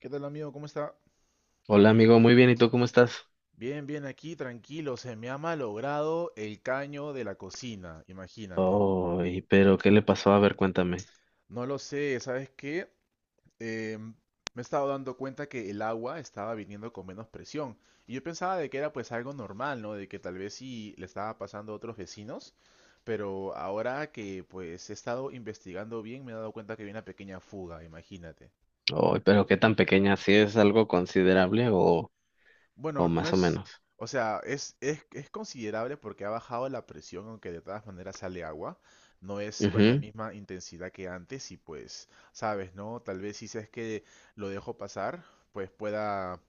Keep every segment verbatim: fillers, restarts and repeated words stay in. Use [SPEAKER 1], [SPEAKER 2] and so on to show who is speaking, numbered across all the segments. [SPEAKER 1] ¿Qué tal, amigo? ¿Cómo está?
[SPEAKER 2] Hola amigo, muy bien, ¿y tú cómo estás?
[SPEAKER 1] Bien, bien, aquí, tranquilo. Se me ha malogrado el caño de la cocina, imagínate.
[SPEAKER 2] Ay, pero ¿qué le pasó? A ver, cuéntame.
[SPEAKER 1] No lo sé, ¿sabes qué? Eh, me he estado dando cuenta que el agua estaba viniendo con menos presión. Y yo pensaba de que era pues algo normal, ¿no? De que tal vez sí le estaba pasando a otros vecinos. Pero ahora que pues he estado investigando bien, me he dado cuenta que había una pequeña fuga, imagínate.
[SPEAKER 2] Ay, pero ¿qué tan pequeña? ¿Sí es algo considerable o, o
[SPEAKER 1] Bueno, no
[SPEAKER 2] más o
[SPEAKER 1] es,
[SPEAKER 2] menos?
[SPEAKER 1] o sea, es, es, es considerable porque ha bajado la presión, aunque de todas maneras sale agua. No es con la
[SPEAKER 2] Ujú.
[SPEAKER 1] misma intensidad que antes y pues, sabes, ¿no? Tal vez si es que lo dejo pasar, pues pueda,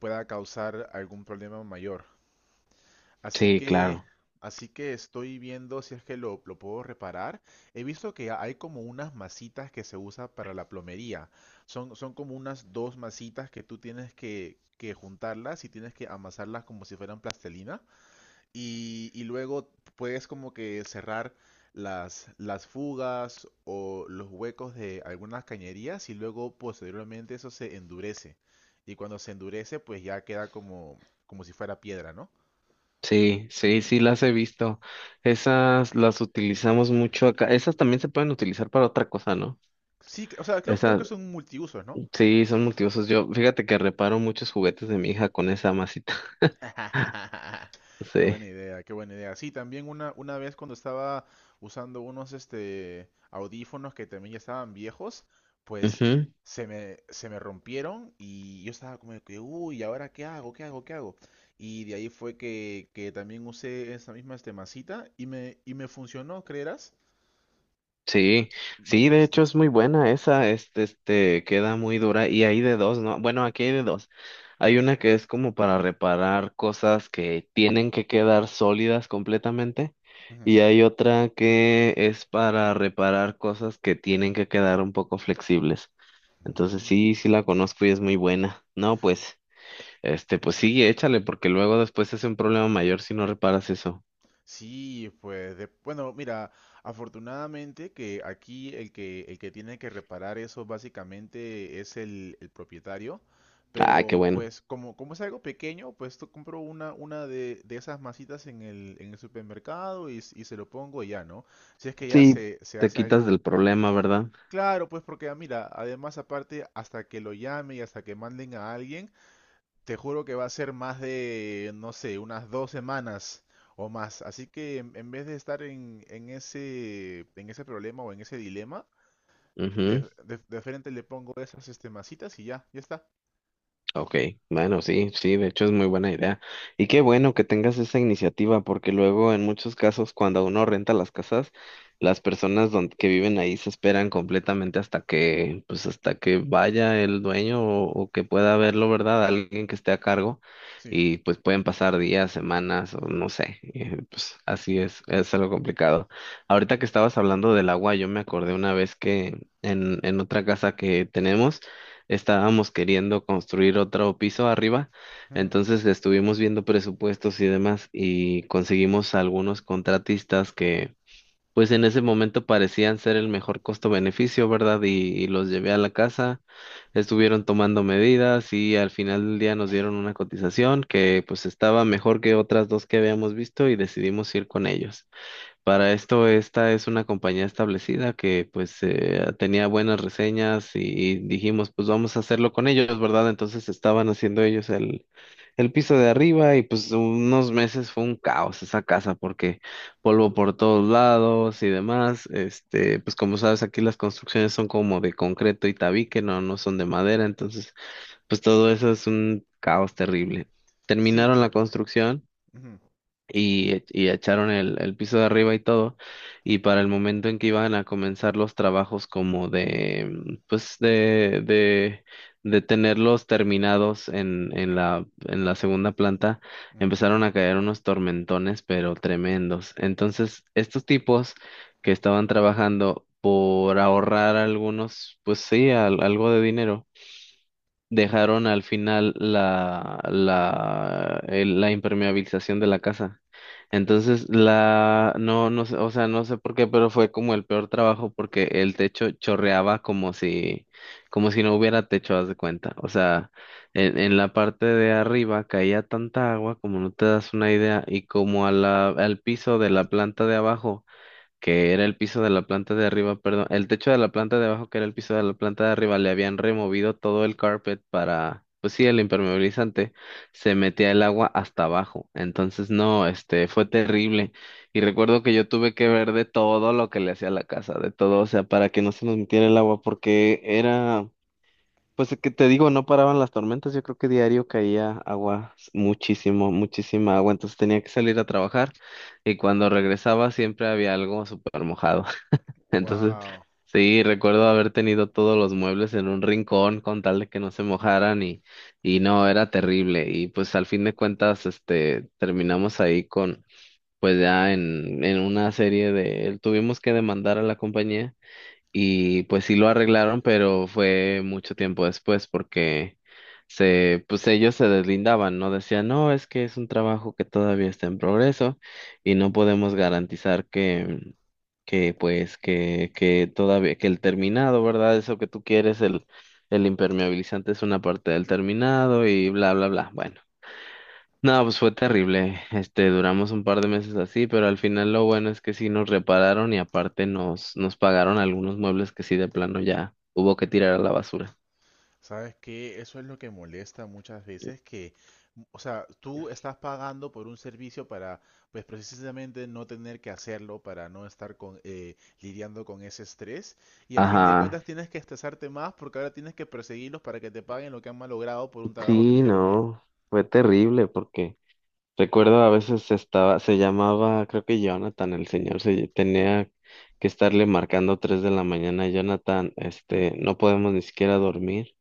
[SPEAKER 1] pueda causar algún problema mayor. Así
[SPEAKER 2] Sí,
[SPEAKER 1] que,
[SPEAKER 2] claro.
[SPEAKER 1] así que estoy viendo si es que lo, lo puedo reparar. He visto que hay como unas masitas que se usa para la plomería. Son, son como unas dos masitas que tú tienes que, que juntarlas y tienes que amasarlas como si fueran plastilina. Y, y luego puedes como que cerrar las, las fugas o los huecos de algunas cañerías, y luego posteriormente eso se endurece. Y cuando se endurece, pues ya queda como, como si fuera piedra, ¿no?
[SPEAKER 2] Sí, sí, sí, las he visto. Esas las utilizamos mucho acá. Esas también se pueden utilizar para otra cosa, ¿no?
[SPEAKER 1] Sí, o sea, creo, creo
[SPEAKER 2] Esas,
[SPEAKER 1] que son multiusos, ¿no?
[SPEAKER 2] sí, son multiusos. Yo, fíjate que reparo muchos juguetes de mi hija con esa masita.
[SPEAKER 1] Qué
[SPEAKER 2] Sí.
[SPEAKER 1] buena idea, qué buena idea. Sí, también una, una vez cuando estaba usando unos este audífonos que también ya estaban viejos, pues
[SPEAKER 2] Ujú.
[SPEAKER 1] se me, se me rompieron y yo estaba como de que, uy, ¿ahora qué hago? ¿Qué hago? ¿Qué hago? Y de ahí fue que, que también usé esa misma este, masita y me, y me funcionó, ¿creerás?
[SPEAKER 2] Sí, sí,
[SPEAKER 1] Bastante
[SPEAKER 2] de hecho
[SPEAKER 1] resistente.
[SPEAKER 2] es muy buena esa, este, este, queda muy dura y hay de dos, ¿no? Bueno, aquí hay de dos. Hay una que es como para reparar cosas que tienen que quedar sólidas completamente
[SPEAKER 1] Ujú.
[SPEAKER 2] y hay otra que es para reparar cosas que tienen que quedar un poco flexibles. Entonces
[SPEAKER 1] Mm.
[SPEAKER 2] sí, sí la conozco y es muy buena. No, pues, este, pues sí, échale porque luego después es un problema mayor si no reparas eso.
[SPEAKER 1] Sí, pues, de- bueno, mira, afortunadamente que aquí el que, el que tiene que reparar eso básicamente es el, el propietario,
[SPEAKER 2] Ah, qué
[SPEAKER 1] pero
[SPEAKER 2] bueno.
[SPEAKER 1] pues como, como es algo pequeño, pues tú compro una, una de, de esas masitas en el, en el supermercado y, s- y se lo pongo y ya, ¿no? Si es que ya
[SPEAKER 2] Sí,
[SPEAKER 1] se, se
[SPEAKER 2] te
[SPEAKER 1] hace
[SPEAKER 2] quitas
[SPEAKER 1] algo
[SPEAKER 2] del
[SPEAKER 1] grande.
[SPEAKER 2] problema, ¿verdad?
[SPEAKER 1] Claro, pues porque ah, mira, además aparte, hasta que lo llame y hasta que manden a alguien, te juro que va a ser más de, no sé, unas dos semanas o más. Así que en, en vez de estar en, en ese, en ese problema o en ese dilema, de,
[SPEAKER 2] Ujú.
[SPEAKER 1] de- de frente le pongo esas este, masitas y ya, ya está.
[SPEAKER 2] Ok, bueno, sí, sí, de hecho es muy buena idea. Y qué bueno que tengas esa iniciativa, porque luego en muchos casos cuando uno renta las casas, las personas don- que viven ahí se esperan completamente hasta que, pues hasta que vaya el dueño o, o que pueda verlo, ¿verdad? Alguien que esté a cargo
[SPEAKER 1] Sí.
[SPEAKER 2] y pues pueden pasar días, semanas o no sé, eh, pues así es, es algo complicado. Ahorita que estabas hablando del agua, yo me acordé una vez que en, en otra casa que tenemos, estábamos queriendo construir otro piso arriba,
[SPEAKER 1] Ujú.
[SPEAKER 2] entonces estuvimos viendo presupuestos y demás y conseguimos algunos contratistas que pues en ese momento parecían ser el mejor costo-beneficio, ¿verdad? Y, y los llevé a la casa, estuvieron tomando medidas y al final del día nos dieron una cotización que pues estaba mejor que otras dos que habíamos visto y decidimos ir con ellos. Para esto, esta es una compañía establecida que pues eh, tenía buenas reseñas y y dijimos, pues vamos a hacerlo con ellos, ¿verdad? Entonces estaban haciendo ellos el, el piso de arriba y pues unos meses fue un caos esa casa porque polvo por todos lados y demás. Este, pues como sabes, aquí las construcciones son como de concreto y tabique, no, no son de madera, entonces pues todo eso es un caos terrible.
[SPEAKER 1] Sí,
[SPEAKER 2] Terminaron la
[SPEAKER 1] claro.
[SPEAKER 2] construcción y, e- y echaron el, el piso de arriba y todo, y para el momento en que iban a comenzar los trabajos como de, mm, pues de, de, de tenerlos terminados en, en la, en la segunda planta, empezaron a caer unos tormentones, pero tremendos. Entonces, estos tipos que estaban trabajando por ahorrar algunos, pues sí, al- algo de dinero dejaron al final la, la, el- la impermeabilización de la casa. Entonces, la, no, no sé, o sea, no sé por qué, pero fue como el peor trabajo porque el techo chorreaba como si, como si no hubiera techo, haz de cuenta. O sea, en, en la parte de arriba caía tanta agua, como no te das una idea, y como a la, al piso de la planta de abajo que era el piso de la planta de arriba, perdón, el techo de la planta de abajo, que era el piso de la planta de arriba, le habían removido todo el carpet para, pues sí, el impermeabilizante, se metía el agua hasta abajo. Entonces, no, este, fue terrible. Y recuerdo que yo tuve que ver de todo lo que le hacía a la casa, de todo, o sea, para que no se nos metiera el agua, porque era pues es que te digo, no paraban las tormentas, yo creo que diario caía agua, s- muchísimo, muchísima agua, entonces tenía que salir a trabajar y cuando regresaba siempre había algo súper mojado. Entonces,
[SPEAKER 1] Wow.
[SPEAKER 2] sí, recuerdo haber tenido todos los muebles en un rincón con tal de que no se mojaran y, y no, era terrible. Y pues al fin de cuentas, este, terminamos ahí con, pues ya en, en una serie de, tuvimos que demandar a la compañía y pues sí lo arreglaron, pero fue mucho tiempo después porque se, pues ellos se deslindaban, ¿no? Decían, no, es que es un trabajo que todavía está en progreso y no podemos garantizar que, que pues, que, que todavía, que el terminado, ¿verdad? Eso que tú quieres, el, el impermeabilizante es una parte del terminado y bla, bla, bla. Bueno. No, pues fue terrible. Este, duramos un par de meses así, pero al final lo bueno es que sí nos repararon y aparte nos, nos pagaron algunos muebles que sí de plano ya hubo que tirar a la basura.
[SPEAKER 1] ¿Sabes qué? Eso es lo que molesta muchas veces, que, m- o sea, tú estás pagando por un servicio para, pues precisamente no tener que hacerlo, para no estar con, eh, lidiando con ese estrés, y a fin de
[SPEAKER 2] Ajá.
[SPEAKER 1] cuentas tienes que estresarte más porque ahora tienes que perseguirlos para que te paguen lo que han malogrado por un trabajo que no
[SPEAKER 2] Sí,
[SPEAKER 1] hicieron bien.
[SPEAKER 2] no, fue terrible porque recuerdo a veces estaba, se llamaba, creo que Jonathan, el señor, se tenía que estarle marcando tres de la mañana, Jonathan, este, no podemos ni siquiera dormir.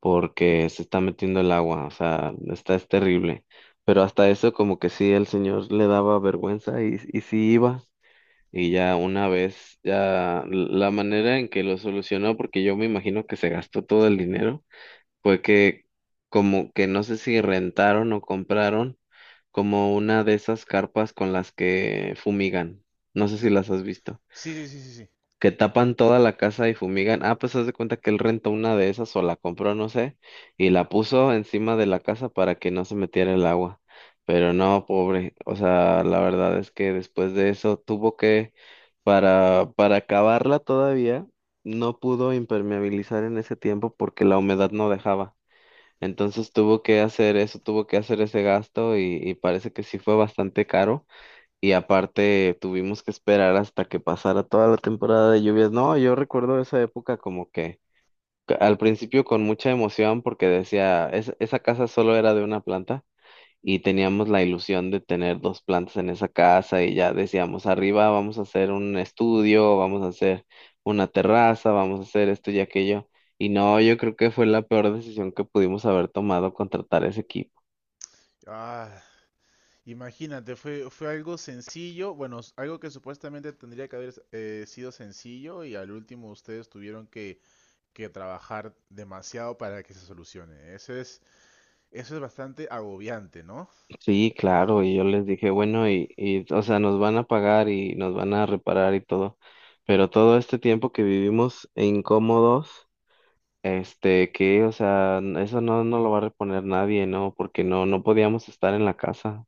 [SPEAKER 2] Porque se está metiendo el agua, o sea, está, es terrible. Pero hasta eso como que sí, el señor le daba vergüenza y, y sí iba. Y ya una vez, ya la manera en que lo solucionó, porque yo me imagino que se gastó todo el dinero, fue que como que no sé si rentaron o compraron como una de esas carpas con las que fumigan. No sé si las has visto
[SPEAKER 1] Sí, sí, sí, sí, sí.
[SPEAKER 2] que tapan toda la casa y fumigan. Ah, pues haz de cuenta que él rentó una de esas o la compró, no sé, y la puso encima de la casa para que no se metiera el agua. Pero no, pobre. O sea, la verdad es que después de eso tuvo que, para, para acabarla todavía, no pudo impermeabilizar en ese tiempo porque la humedad no dejaba. Entonces tuvo que hacer eso, tuvo que hacer ese gasto y, y parece que sí fue bastante caro y aparte tuvimos que esperar hasta que pasara toda la temporada de lluvias. No, yo recuerdo esa época como que que al principio con mucha emoción porque decía, "Es- esa casa solo era de una planta y teníamos la ilusión de tener dos plantas en esa casa y ya decíamos, arriba vamos a hacer un estudio, vamos a hacer una terraza, vamos a hacer esto y aquello. Y no, yo creo que fue la peor decisión que pudimos haber tomado contratar ese equipo.
[SPEAKER 1] Ah, imagínate, fue, fue algo sencillo, bueno, s- algo que supuestamente tendría que haber eh, sido sencillo y al último ustedes tuvieron que que trabajar demasiado para que se solucione. Eso es, eso es bastante agobiante, ¿no?
[SPEAKER 2] Sí, claro, y yo les dije, bueno, y, y, o sea, nos van a pagar y nos van a reparar y todo, pero todo este tiempo que vivimos incómodos, este, que, o sea, n- eso no, no lo va a reponer nadie, ¿no? Porque no, no podíamos estar en la casa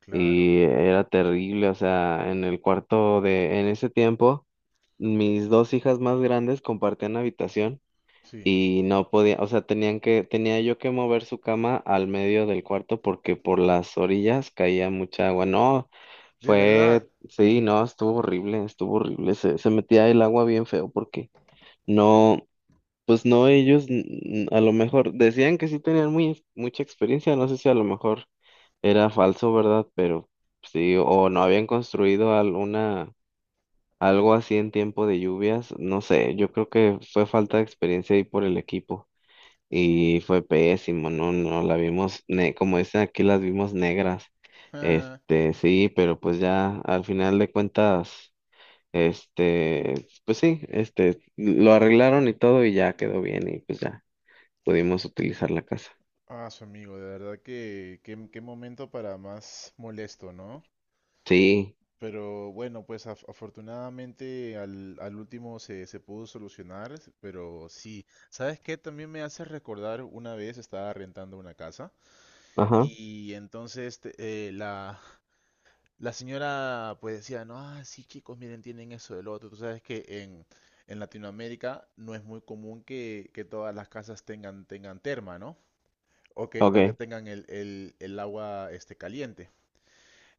[SPEAKER 1] Claro,
[SPEAKER 2] y era terrible, o sea, en el cuarto de, en ese tiempo, mis dos hijas más grandes compartían habitación
[SPEAKER 1] sí,
[SPEAKER 2] y no podía, o sea, tenían que, tenía yo que mover su cama al medio del cuarto porque por las orillas caía mucha agua. No,
[SPEAKER 1] de verdad,
[SPEAKER 2] fue, sí, no, estuvo horrible, estuvo horrible. Se, se metía el agua bien feo porque no, pues no, ellos mm, a lo mejor decían que sí tenían muy, mucha experiencia, no sé si a lo mejor era falso, ¿verdad? Pero sí, o no habían construido alguna... Algo así en tiempo de lluvias, no sé, yo creo que fue falta de experiencia ahí por el equipo.
[SPEAKER 1] sí.
[SPEAKER 2] Y fue pésimo, no, no, la vimos, ne como dicen aquí, las vimos negras. Este, sí, pero pues ya al final de cuentas, este, pues sí, este, lo arreglaron y todo y ya quedó bien y pues ya pudimos utilizar la casa.
[SPEAKER 1] Ah, ah, su amigo, de verdad que qué, qué momento para más molesto, ¿no?
[SPEAKER 2] Sí,
[SPEAKER 1] Pero bueno, pues af- afortunadamente al, al último se, se pudo solucionar, pero sí, ¿sabes qué? También me hace recordar una vez estaba rentando una casa
[SPEAKER 2] ajá,
[SPEAKER 1] y entonces te- eh, la, la señora pues decía, no, ah, sí chicos, miren, tienen eso del otro. Tú sabes que en, en Latinoamérica no es muy común que, que todas las casas tengan, tengan terma, ¿no? O que, o que
[SPEAKER 2] okay.
[SPEAKER 1] tengan el, el- el agua este, caliente.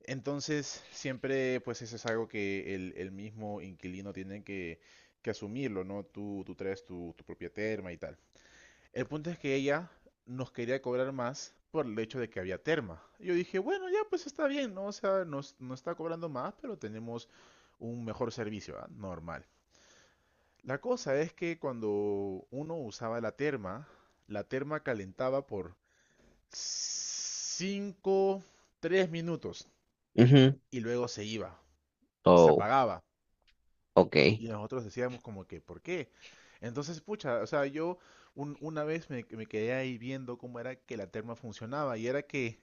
[SPEAKER 1] Entonces, siempre pues eso es algo que el, el mismo inquilino tiene que, que asumirlo, ¿no? Tú, tú traes tu, tu propia terma y tal. El punto es que ella nos quería cobrar más por el hecho de que había terma. Y yo dije, bueno, ya pues está bien, ¿no? O sea, nos, nos está cobrando más, pero tenemos un mejor servicio, ¿ah? Normal. La cosa es que cuando uno usaba la terma, la terma calentaba por cinco, tres minutos
[SPEAKER 2] Mhm.
[SPEAKER 1] y luego se iba, se
[SPEAKER 2] Oh,
[SPEAKER 1] apagaba.
[SPEAKER 2] okay.
[SPEAKER 1] Y nosotros decíamos como que, ¿por qué? Entonces, pucha, o sea, yo un- una vez me, me quedé ahí viendo cómo era que la terma funcionaba, y era que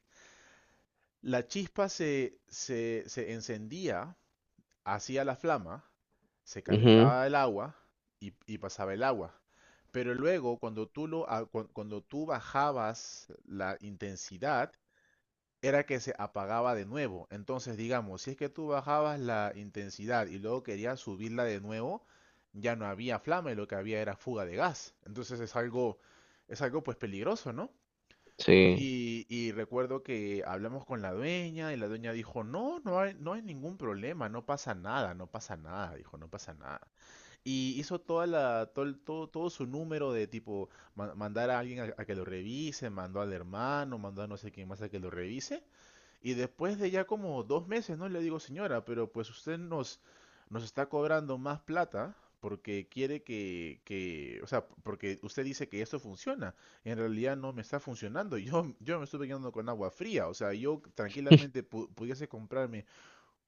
[SPEAKER 1] la chispa se, se, se encendía, hacía la flama, se
[SPEAKER 2] Mhm.
[SPEAKER 1] calentaba el agua y, y pasaba el agua. Pero luego, cuando tú, lo, a- cuan- cuando tú bajabas la intensidad, era que se apagaba de nuevo. Entonces, digamos, si es que tú bajabas la intensidad y luego querías subirla de nuevo, ya no había flama y lo que había era fuga de gas. Entonces es algo, es algo pues peligroso, ¿no?
[SPEAKER 2] Sí,
[SPEAKER 1] Y, y recuerdo que hablamos con la dueña y la dueña dijo, no, no hay, no hay ningún problema, no pasa nada, no pasa nada, dijo, no pasa nada. Y hizo toda la, todo, el- todo, todo su número de tipo, ma- mandar a alguien a, a que lo revise, mandó al hermano, mandó a no sé quién más a que lo revise. Y después de ya como dos meses, ¿no? Le digo, señora, pero pues usted nos, nos está cobrando más plata porque quiere que, que, o sea, porque usted dice que esto funciona. En realidad no me está funcionando. Yo, yo me estuve quedando con agua fría. O sea, yo tranquilamente pu- pudiese comprarme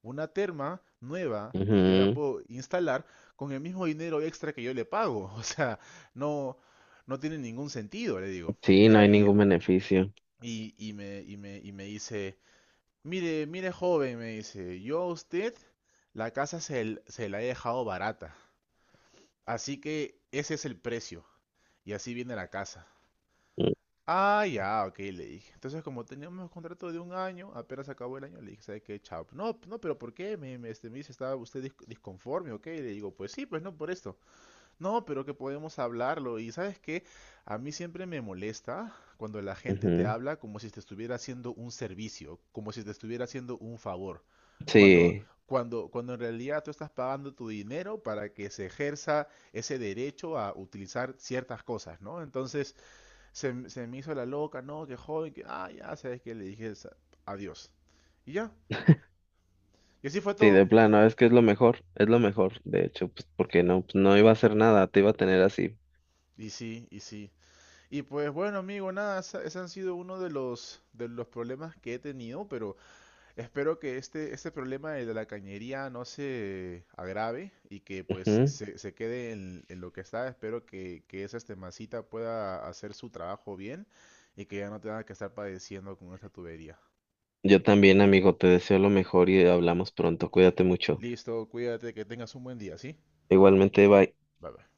[SPEAKER 1] una terma nueva y yo la
[SPEAKER 2] mhm.
[SPEAKER 1] puedo instalar con el mismo dinero extra que yo le pago. O sea, no, no tiene ningún sentido, le digo.
[SPEAKER 2] Sí,
[SPEAKER 1] Y,
[SPEAKER 2] no
[SPEAKER 1] a-
[SPEAKER 2] hay
[SPEAKER 1] y,
[SPEAKER 2] ningún beneficio.
[SPEAKER 1] y, y me, y, me, y me dice... Mire, mire, joven, me dice, yo a usted la casa se, l- se la he dejado barata. Así que ese es el precio. Y así viene la casa. Ah, ya, ok, le dije. Entonces, como teníamos contrato de un año, apenas acabó el año, le dije, ¿sabe qué? Chao. No, no, pero ¿por qué? Me, me- este, me dice, ¿estaba usted dis- disconforme? Ok, le digo, pues sí, pues no, por esto. No, pero que podemos hablarlo. Y sabes qué, a mí siempre me molesta cuando la gente te
[SPEAKER 2] Mhm.
[SPEAKER 1] habla como si te estuviera haciendo un servicio, como si te estuviera haciendo un favor. Cuando,
[SPEAKER 2] Sí.
[SPEAKER 1] cuando, cuando en realidad tú estás pagando tu dinero para que se ejerza ese derecho a utilizar ciertas cosas, ¿no? Entonces se, m- se me hizo la loca, no, que joven, que, ah, ya, sabes que le dije sa- adiós. Y ya, y así fue
[SPEAKER 2] Sí, de
[SPEAKER 1] todo.
[SPEAKER 2] plano, es que es lo mejor, es lo mejor, de hecho, pues porque no, pues, no iba a hacer nada, te iba a tener así.
[SPEAKER 1] Y sí, y sí. Y pues bueno, amigo, nada, esa- ese han sido uno de los de los problemas que he tenido, pero espero que este este problema de la cañería no se agrave y que pues
[SPEAKER 2] Ujú.
[SPEAKER 1] se, se quede en, en lo que está. Espero que, que esa este masita pueda hacer su trabajo bien y que ya no tenga que estar padeciendo con esta tubería.
[SPEAKER 2] Yo también, amigo, te deseo lo mejor y hablamos pronto, cuídate mucho.
[SPEAKER 1] Listo, cuídate, que tengas un buen día, ¿sí?
[SPEAKER 2] Igualmente, bye.
[SPEAKER 1] Bye bye.